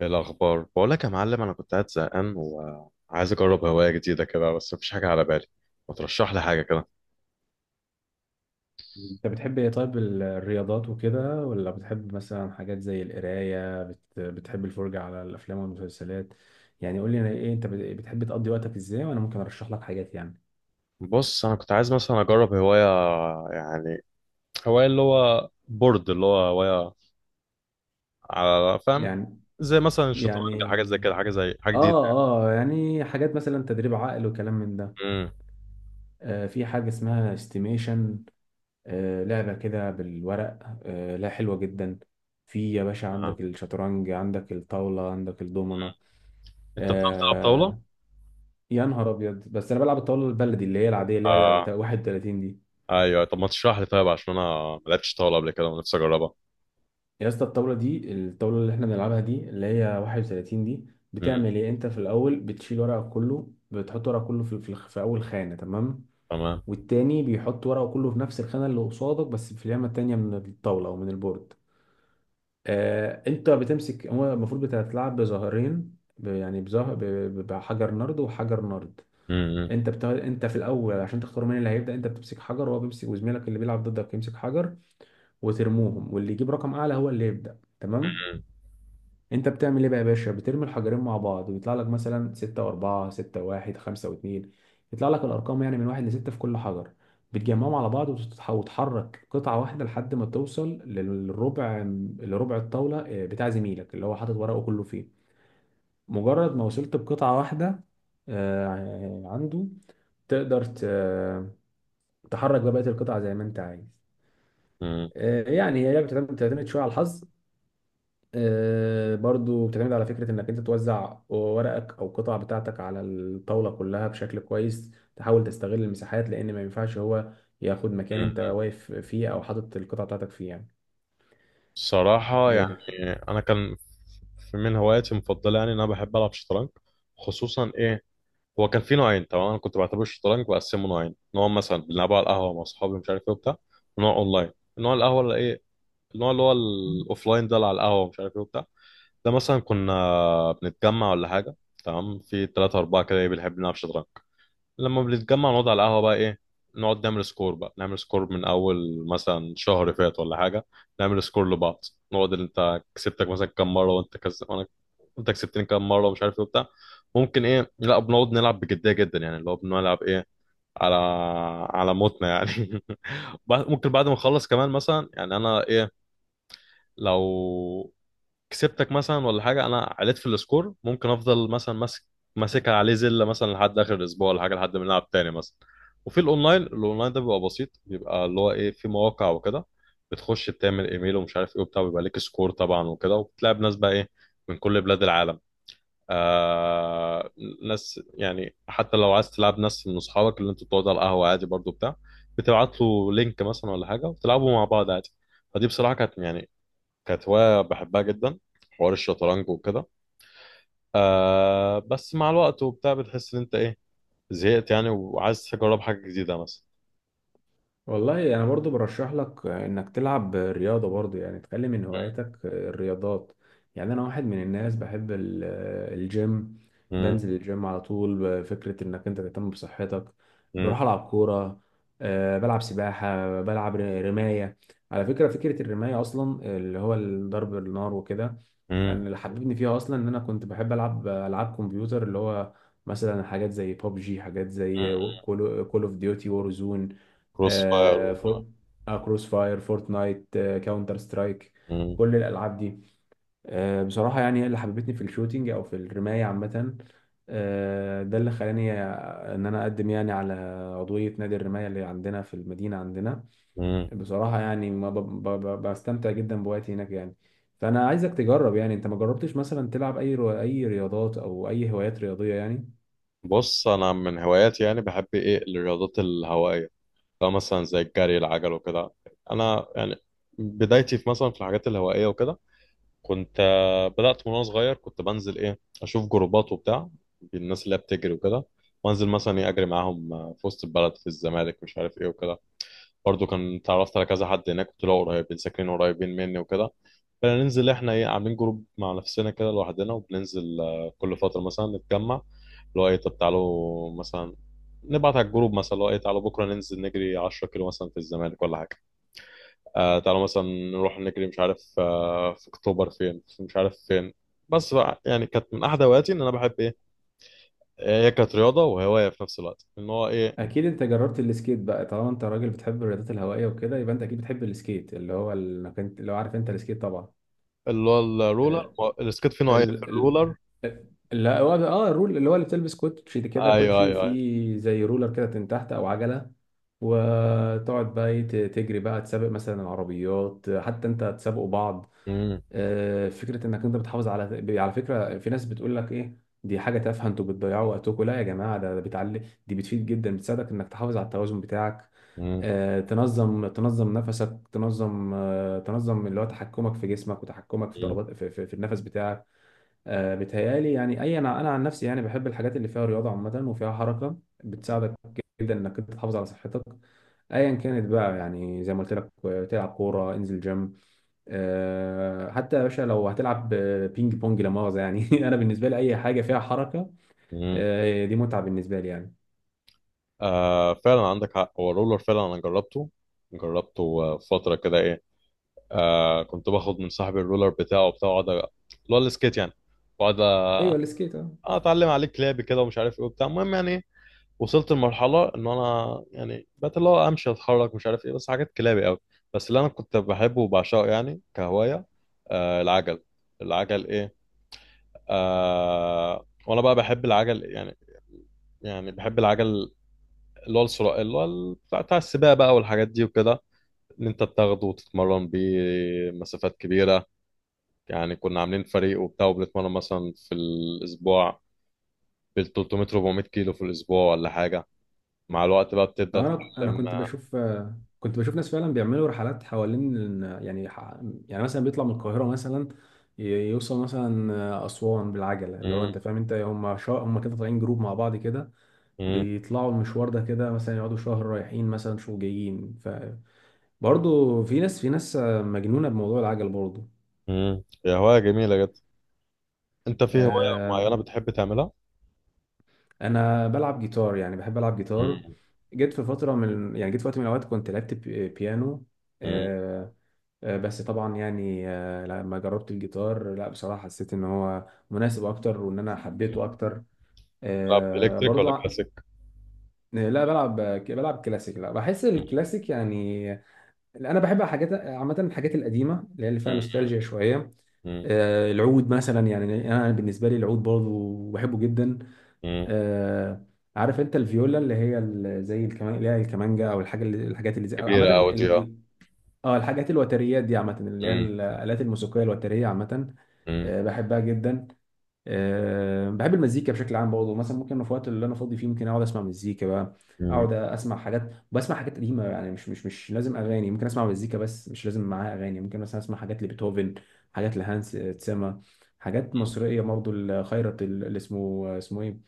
إيه الأخبار؟ بقول لك يا معلم، أنا كنت قاعد زهقان وعايز أجرب هواية جديدة كده، بس مفيش حاجة على بالي. ما ترشح لي حاجة كده. انت بتحب ايه؟ طيب، الرياضات وكده، ولا بتحب مثلا حاجات زي القراية؟ بتحب الفرجة على الافلام والمسلسلات؟ يعني قول لي انا ايه، انت بتحب تقضي وقتك ازاي وانا ممكن ارشح لك حاجات بص، أنا كنت عايز مثلا أجرب هواية يعني هواية، اللي هو بورد، اللي هو هواية على فاهم، يعني زي مثلا الشطرنج، يعني حاجات زي كده، حاجة زي حاجة جديدة. اه اه يعني حاجات مثلا تدريب عقل وكلام من ده. امم آه، في حاجة اسمها استيميشن. آه، لعبة كده بالورق. آه، لا، حلوة جدا. في يا باشا، آه. عندك الشطرنج، عندك الطاولة، عندك الدومنة. أنت بتعرف تلعب طاولة؟ آه، يا نهار ابيض، بس انا بلعب الطاوله البلدي، اللي هي العاديه، اللي آه. هي 31 دي. أيوه، طب ما تشرح لي طيب، عشان أنا ما لعبتش طاولة قبل كده ونفسي أجربها. يا اسطى، الطاوله دي، الطاوله اللي احنا بنلعبها دي، اللي هي 31 دي، امم، بتعمل ايه؟ انت في الاول بتشيل ورقك كله، بتحط ورقك كله في في اول خانه، تمام. تمام. والتاني بيحط ورقه كله في نفس الخانه اللي قصادك، بس في اليمه التانيه من الطاوله او من البورد. آه، انت بتمسك، هو المفروض بتلعب بظهرين ب- يعني بظهر ب- ب- بحجر نرد وحجر نرد. انت في الاول عشان تختار مين اللي هيبدا، انت بتمسك حجر، وهو بيمسك، وزميلك اللي بيلعب ضدك يمسك حجر، وترموهم، واللي يجيب رقم اعلى هو اللي يبدا، تمام. انت بتعمل ايه بقى يا باشا؟ بترمي الحجرين مع بعض ويطلع لك مثلا 6 و4، 6 و1، 5 و2. يطلع لك الارقام يعني من 1 ل 6 في كل حجر. بتجمعهم على بعض وتحرك قطعه واحده لحد ما توصل للربع، لربع الطاوله، بتاع زميلك اللي هو حاطط ورقه كله فيه. مجرد ما وصلت بقطعه واحده اه، عنده، تقدر ت... تحرك بقى بقية القطع زي ما انت عايز. امم، يعني هي لعبة بتعتمد بتعتمد شوية على الحظ. برضو بتعتمد على فكرة انك انت توزع ورقك او القطع بتاعتك على الطاولة كلها بشكل كويس، تحاول تستغل المساحات، لان ما ينفعش هو ياخد مكان انت واقف فيه او حاطط القطع بتاعتك فيه يعني. صراحة يعني أنا كان من هواياتي المفضلة يعني إن أنا بحب ألعب شطرنج، خصوصا إيه. هو كان في نوعين، تمام؟ أنا كنت بعتبر الشطرنج بقسمه نوعين: نوع مثلا بنلعبه على القهوة مع أصحابي مش عارف إيه وبتاع، ونوع أونلاين. النوع القهوة اللي إيه، النوع اللي هو الأوفلاين ده، اللي على القهوة مش عارف إيه وبتاع، ده مثلا كنا بنتجمع ولا حاجة، تمام؟ في تلاتة أربعة كده إيه بنحب نلعب شطرنج. لما بنتجمع نقعد على القهوة بقى ايه، نقعد نعمل سكور، بقى نعمل سكور من اول مثلا شهر فات ولا حاجة، نعمل سكور لبعض. نقعد اللي انت كسبتك مثلا كام مرة وانت وانا انت كسبتني كام مرة ومش عارف ايه وبتاع. ممكن ايه، لا بنقعد نلعب بجدية جدا يعني، اللي هو بنلعب ايه، على على موتنا يعني. ممكن بعد ما نخلص كمان مثلا، يعني انا ايه، لو كسبتك مثلا ولا حاجه، انا عليت في السكور، ممكن افضل مثلا ماسك، ماسكها عليه زله مثلا لحد اخر الاسبوع ولا حاجه، لحد ما نلعب تاني مثلا. وفي الاونلاين، الاونلاين ده بيبقى بسيط، بيبقى اللي هو ايه، في مواقع وكده، بتخش بتعمل ايميل ومش عارف ايه وبتاع، بيبقى ليك سكور طبعا وكده، وبتلعب ناس بقى ايه من كل بلاد العالم. آه، ناس يعني حتى لو عايز تلعب ناس من اصحابك اللي انتوا بتقعدوا على القهوه عادي برضو بتاع، بتبعت له لينك مثلا ولا حاجه وتلعبوا مع بعض عادي. فدي بصراحه كانت يعني كانت هواية بحبها جدا، حوار الشطرنج وكده. آه، بس مع الوقت وبتاع بتحس ان انت ايه، زهقت يعني وعايز تجرب حاجة جديدة مثلا. والله انا برضو برشح لك انك تلعب رياضه، برضو يعني تخلي من هواياتك الرياضات. يعني انا واحد من الناس بحب الجيم، مم. بنزل الجيم على طول، فكره انك انت تهتم بصحتك. مم. بروح العب كوره، بلعب سباحه، بلعب رمايه. على فكره، فكره الرمايه اصلا اللي هو ضرب النار وكده، مم. يعني اللي حببني فيها اصلا ان انا كنت بحب العب العاب كمبيوتر، اللي هو مثلا حاجات زي ببجي، حاجات زي مم. كول اوف ديوتي وورزون، كروس فاير آه، فور، آه، كروس فاير، فورتنايت، آه، كاونتر سترايك، مم. كل الالعاب دي. آه، بصراحه يعني هي اللي حببتني في الشوتينج او في الرمايه عامه. آه، ده اللي خلاني ان انا اقدم يعني على عضويه نادي الرمايه اللي عندنا في المدينه عندنا. مم. بصراحة يعني ما ب... ب... ب... بستمتع جدا بوقتي هناك يعني. فأنا عايزك تجرب، يعني أنت ما جربتش مثلا تلعب أي رياضات أو أي هوايات رياضية يعني. بص، انا من هواياتي يعني بحب ايه الرياضات الهوائية، لو مثلا زي الجري، العجل وكده. انا يعني بدايتي في مثلا في الحاجات الهوائية وكده، كنت آه، بدأت من وأنا صغير، كنت بنزل إيه أشوف جروبات وبتاع الناس اللي هي بتجري وكده، وأنزل مثلا إيه أجري معاهم آه، في وسط البلد، في الزمالك، مش عارف إيه وكده. برضو كان اتعرفت على كذا حد هناك، كنت لقوا قريبين ساكنين قريبين مني وكده، فننزل إحنا إيه عاملين جروب مع نفسنا كده لوحدنا، وبننزل آه، كل فترة مثلا نتجمع، اللي هو إيه طب تعالوا مثلا، نبعت على الجروب مثلا اللي هو إيه، تعالوا بكرة ننزل نجري 10 كيلو مثلا في الزمالك ولا حاجة. آه، تعالوا مثلا نروح نجري مش عارف آه في اكتوبر فين، في مش عارف فين. بس بقى يعني كانت من احد هواياتي ان انا بحب ايه، آه، هي كانت رياضه وهوايه في نفس الوقت، ان هو ايه، أكيد أنت جربت السكيت بقى، طالما أنت راجل بتحب الرياضات الهوائية وكده، يبقى أنت أكيد بتحب السكيت، اللي هو لو عارف أنت السكيت طبعا. اللي هو الرولر. آه، هو السكيت فيه نوعين في ال... ال... الرولر. لا، هو ده- اه الرول، اللي هو اللي بتلبس كوتشي كده، ايوه كوتشي ايوه ايوه. وفي زي رولر كده من تحت او عجله، وتقعد بقى إيه، تجري بقى، تسابق مثلا العربيات، حتى انت تسابقوا بعض. امم. فكره انك انت بتحافظ على فكره، في ناس بتقول لك ايه، دي حاجه تافهه، انتوا بتضيعوا وقتكم، لا يا جماعه، ده بتعلي، دي بتفيد جدا، بتساعدك انك تحافظ على التوازن بتاعك. امم. تنظم نفسك، تنظم تنظم اللي هو تحكمك في جسمك، وتحكمك في امم. ضربات في النفس بتاعك. بيتهيألي يعني، اي انا عن نفسي يعني بحب الحاجات اللي فيها رياضه عامه وفيها حركه، بتساعدك جدا انك انت تحافظ على صحتك، ايا كانت بقى يعني. زي ما قلت لك، تلعب كوره، انزل جيم، حتى يا باشا لو هتلعب، بينج بونج لا مؤاخذة يعني انا بالنسبه لي اي حاجه فيها حركه، أمم. دي متعه بالنسبه لي يعني. آه، فعلا عندك حق، هو الرولر فعلا انا جربته. جربته آه، فتره كده ايه، آه كنت باخد من صاحبي الرولر بتاعه بتاعه، اللي هو السكيت يعني، واقعد ايوه، آه، السكيت، اه. اتعلم عليه كلابي كده ومش عارف ايه وبتاع. المهم يعني وصلت لمرحلة إن أنا يعني بقيت اللي هو أمشي أتحرك مش عارف إيه، بس حاجات كلابي أوي. بس اللي أنا كنت بحبه وبعشقه يعني كهواية، آه العجل. العجل إيه، آه وأنا بقى بحب العجل يعني، يعني بحب العجل. اللي هو السرعة، اللي هو بتاع بتاع السباق بقى والحاجات دي وكده، إن أنت بتاخده وتتمرن بيه مسافات كبيرة. يعني كنا عاملين فريق وبتاع وبنتمرن مثلا في الأسبوع بال 300 400 كيلو في الأسبوع ولا حاجة. مع الوقت بقى بتبدأ انا تتعلم. كنت بشوف، كنت بشوف ناس فعلا بيعملوا رحلات حوالين ال- يعني ح- يعني مثلا بيطلع من القاهره مثلا، ي- يوصل مثلا اسوان بالعجله، اللي هو مم. انت فاهم، انت هم كده طالعين جروب مع بعض كده، مم. بيطلعوا المشوار ده كده، مثلا يقعدوا شهر رايحين مثلا شهر جايين. فبرضه في ناس، آه، مجنونه بموضوع العجل برضه. مم. هي هواية جميلة جدا. انت في هواية معينة بتحب تعملها؟ انا بلعب جيتار، يعني بحب العب جيتار. مم. جيت في فتره من يعني، جيت في وقت من الاوقات كنت لعبت بيانو. مم. آه، بس طبعا يعني، لما جربت الجيتار، لا بصراحه حسيت ان هو مناسب اكتر وان انا حبيته مم. اكتر. تلعب آه، الكتريك برضو ولا ع- كلاسيك؟ لا، بلعب كلاسيك، لا بحس الكلاسيك يعني. انا بحب حاجات عامه، الحاجات القديمه اللي هي اللي فيها مم. نوستالجيا شويه. مم. العود مثلا، يعني انا بالنسبه لي العود برضو بحبه جدا. مم. آه، عارف انت الفيولا، اللي هي زي الكمان، اللي هي الكمانجا، او الحاجه اللي، الحاجات اللي زي عامه، كبيرة أوي دي، اه. اه، الحاجات الوتريات دي عامه، اللي هي مم. الالات الموسيقيه الوتريه عامه. مم. آه، بحبها جدا. آه، بحب المزيكا بشكل عام برضه، مثلا ممكن في الوقت اللي انا فاضي فيه ممكن اقعد اسمع مزيكا بقى، مم. اقعد اسمع حاجات، بسمع حاجات قديمه يعني، مش لازم اغاني، ممكن اسمع مزيكا بس مش لازم معاها اغاني، ممكن مثلا اسمع حاجات لبيتهوفن، حاجات لهانس تسما، حاجات مصريه برضه، الخيرت اللي اسمه آه، اسمه ايه،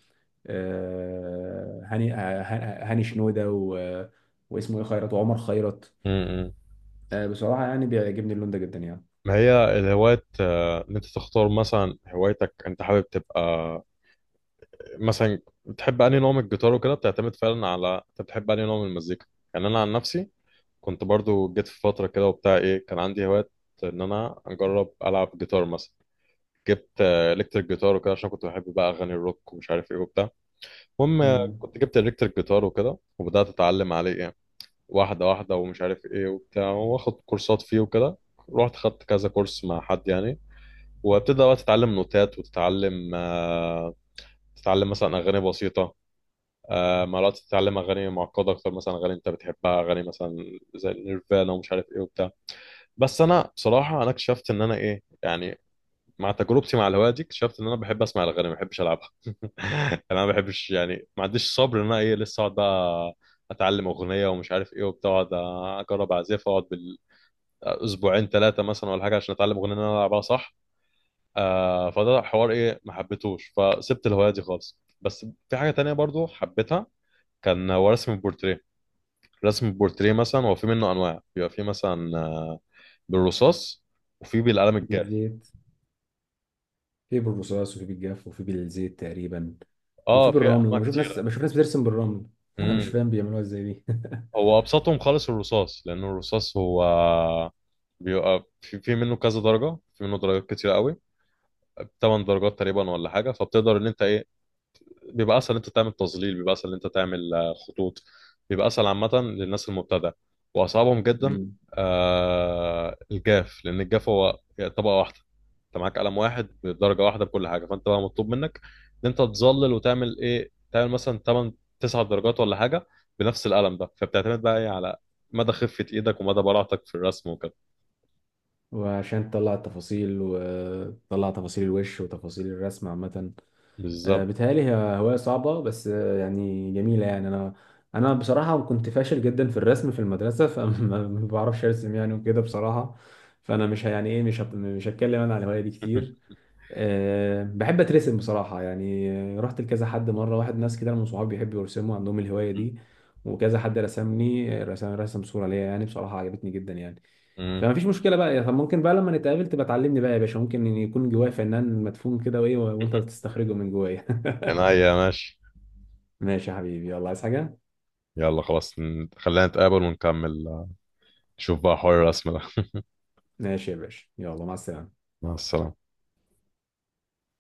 آه، هاني آه، هاني شنودة واسمه ايه، خيرت، وعمر خيرت. مم. بصراحة يعني بيعجبني اللون ده جدا يعني. ما هي الهوايات آه، ان انت تختار مثلا هوايتك، انت حابب تبقى مثلا بتحب انهي نوع من الجيتار وكده، بتعتمد فعلا على انت بتحب انهي نوع من المزيكا. يعني انا عن نفسي كنت برضو جيت في فترة كده وبتاع ايه، كان عندي هوايات ان انا اجرب العب جيتار مثلا. جبت الكتريك جيتار وكده، عشان كنت بحب بقى اغاني الروك ومش عارف ايه وبتاع. المهم آه، امم، كنت جبت الكتريك جيتار وكده، وبدات اتعلم عليه يعني واحده واحده ومش عارف ايه وبتاع، واخد كورسات فيه وكده. رحت خدت كذا كورس مع حد يعني، وابتدى بقى تتعلم نوتات وتتعلم آه، تتعلم مثلا اغاني بسيطه، آه، مرات تتعلم اغاني معقده اكتر، مثلا اغاني انت بتحبها، اغاني مثلا زي نيرفانا ومش عارف ايه وبتاع. بس انا بصراحه انا اكتشفت ان انا ايه يعني، مع تجربتي مع الهوايه دي، اكتشفت ان انا بحب اسمع الاغاني ما بحبش العبها. انا ما بحبش يعني ما عنديش صبر ان انا ايه لسه اقعد بقى اتعلم اغنيه ومش عارف ايه وبتاع، اقعد اجرب اعزف، اقعد بالاسبوعين ثلاثه مثلا ولا حاجه عشان اتعلم اغنيه ان انا العبها صح. آه فده حوار ايه ما حبيتهوش، فسبت الهوايه دي خالص. بس في حاجه تانية برضو حبيتها، كان هو رسم البورتريه. رسم البورتريه مثلا هو في منه انواع، بيبقى في مثلا آه، بالرصاص، وفي بالقلم الجاف. بالزيت، في بالرصاص، وفي بالجاف، وفي بالزيت تقريبا، وفي اه في بالرمل. انا انواع بشوف ناس، بترسم بالرمل انا مش كتيره. فاهم بيعملوها ازاي دي هو ابسطهم خالص الرصاص، لان الرصاص هو بيبقى في منه كذا درجه، في منه درجات كتير قوي، 8 درجات تقريبا ولا حاجه. فبتقدر ان انت ايه، بيبقى اسهل انت تعمل تظليل، بيبقى اسهل انت تعمل آه، خطوط، بيبقى اسهل عامه للناس المبتدئه. واصعبهم جدا مم. آه الجاف، لان الجاف هو طبقه واحده، انت معاك قلم واحد بدرجه واحده بكل حاجه، فانت بقى مطلوب منك ان انت تظلل وتعمل ايه، تعمل مثلا 8 9 درجات ولا حاجه بنفس القلم ده. فبتعتمد بقى ايه على مدى خفه ايدك ومدى براعتك في الرسم وكده. وعشان تطلع التفاصيل، وتطلع تفاصيل الوش، وتفاصيل الرسم عامة. بالظبط. بيتهيألي هي هواية صعبة بس، آه، يعني جميلة يعني، أنا بصراحة كنت فاشل جدا في الرسم في المدرسة، فما ما بعرفش أرسم يعني وكده بصراحة، فأنا مش ه- يعني إيه مش هت- مش هتكلم أنا على الهواية دي كتير. أه، بحب اترسم بصراحة يعني. رحت لكذا حد مرة واحد، ناس كده من صحابي بيحبوا يرسموا عندهم الهواية دي، وكذا حد رسمني، رسم صورة ليا، يعني بصراحة عجبتني جدا يعني. امم، فما فيش مشكلة بقى يعني، طب ممكن بقى لما نتقابل تبقى تعلمني بقى يا باشا، ممكن إن يكون جوايا فنان مدفون كده، وايه وانت بتستخرجه من جوايا عينيا، ماشي. ماشي يا حبيبي، يلا، عايز حاجة؟ يلا خلاص، خلينا نتقابل ونكمل آه، نشوف بقى حوار الرسم ده. ماشي يا باشا، يلا، مع السلامة. مع السلامة.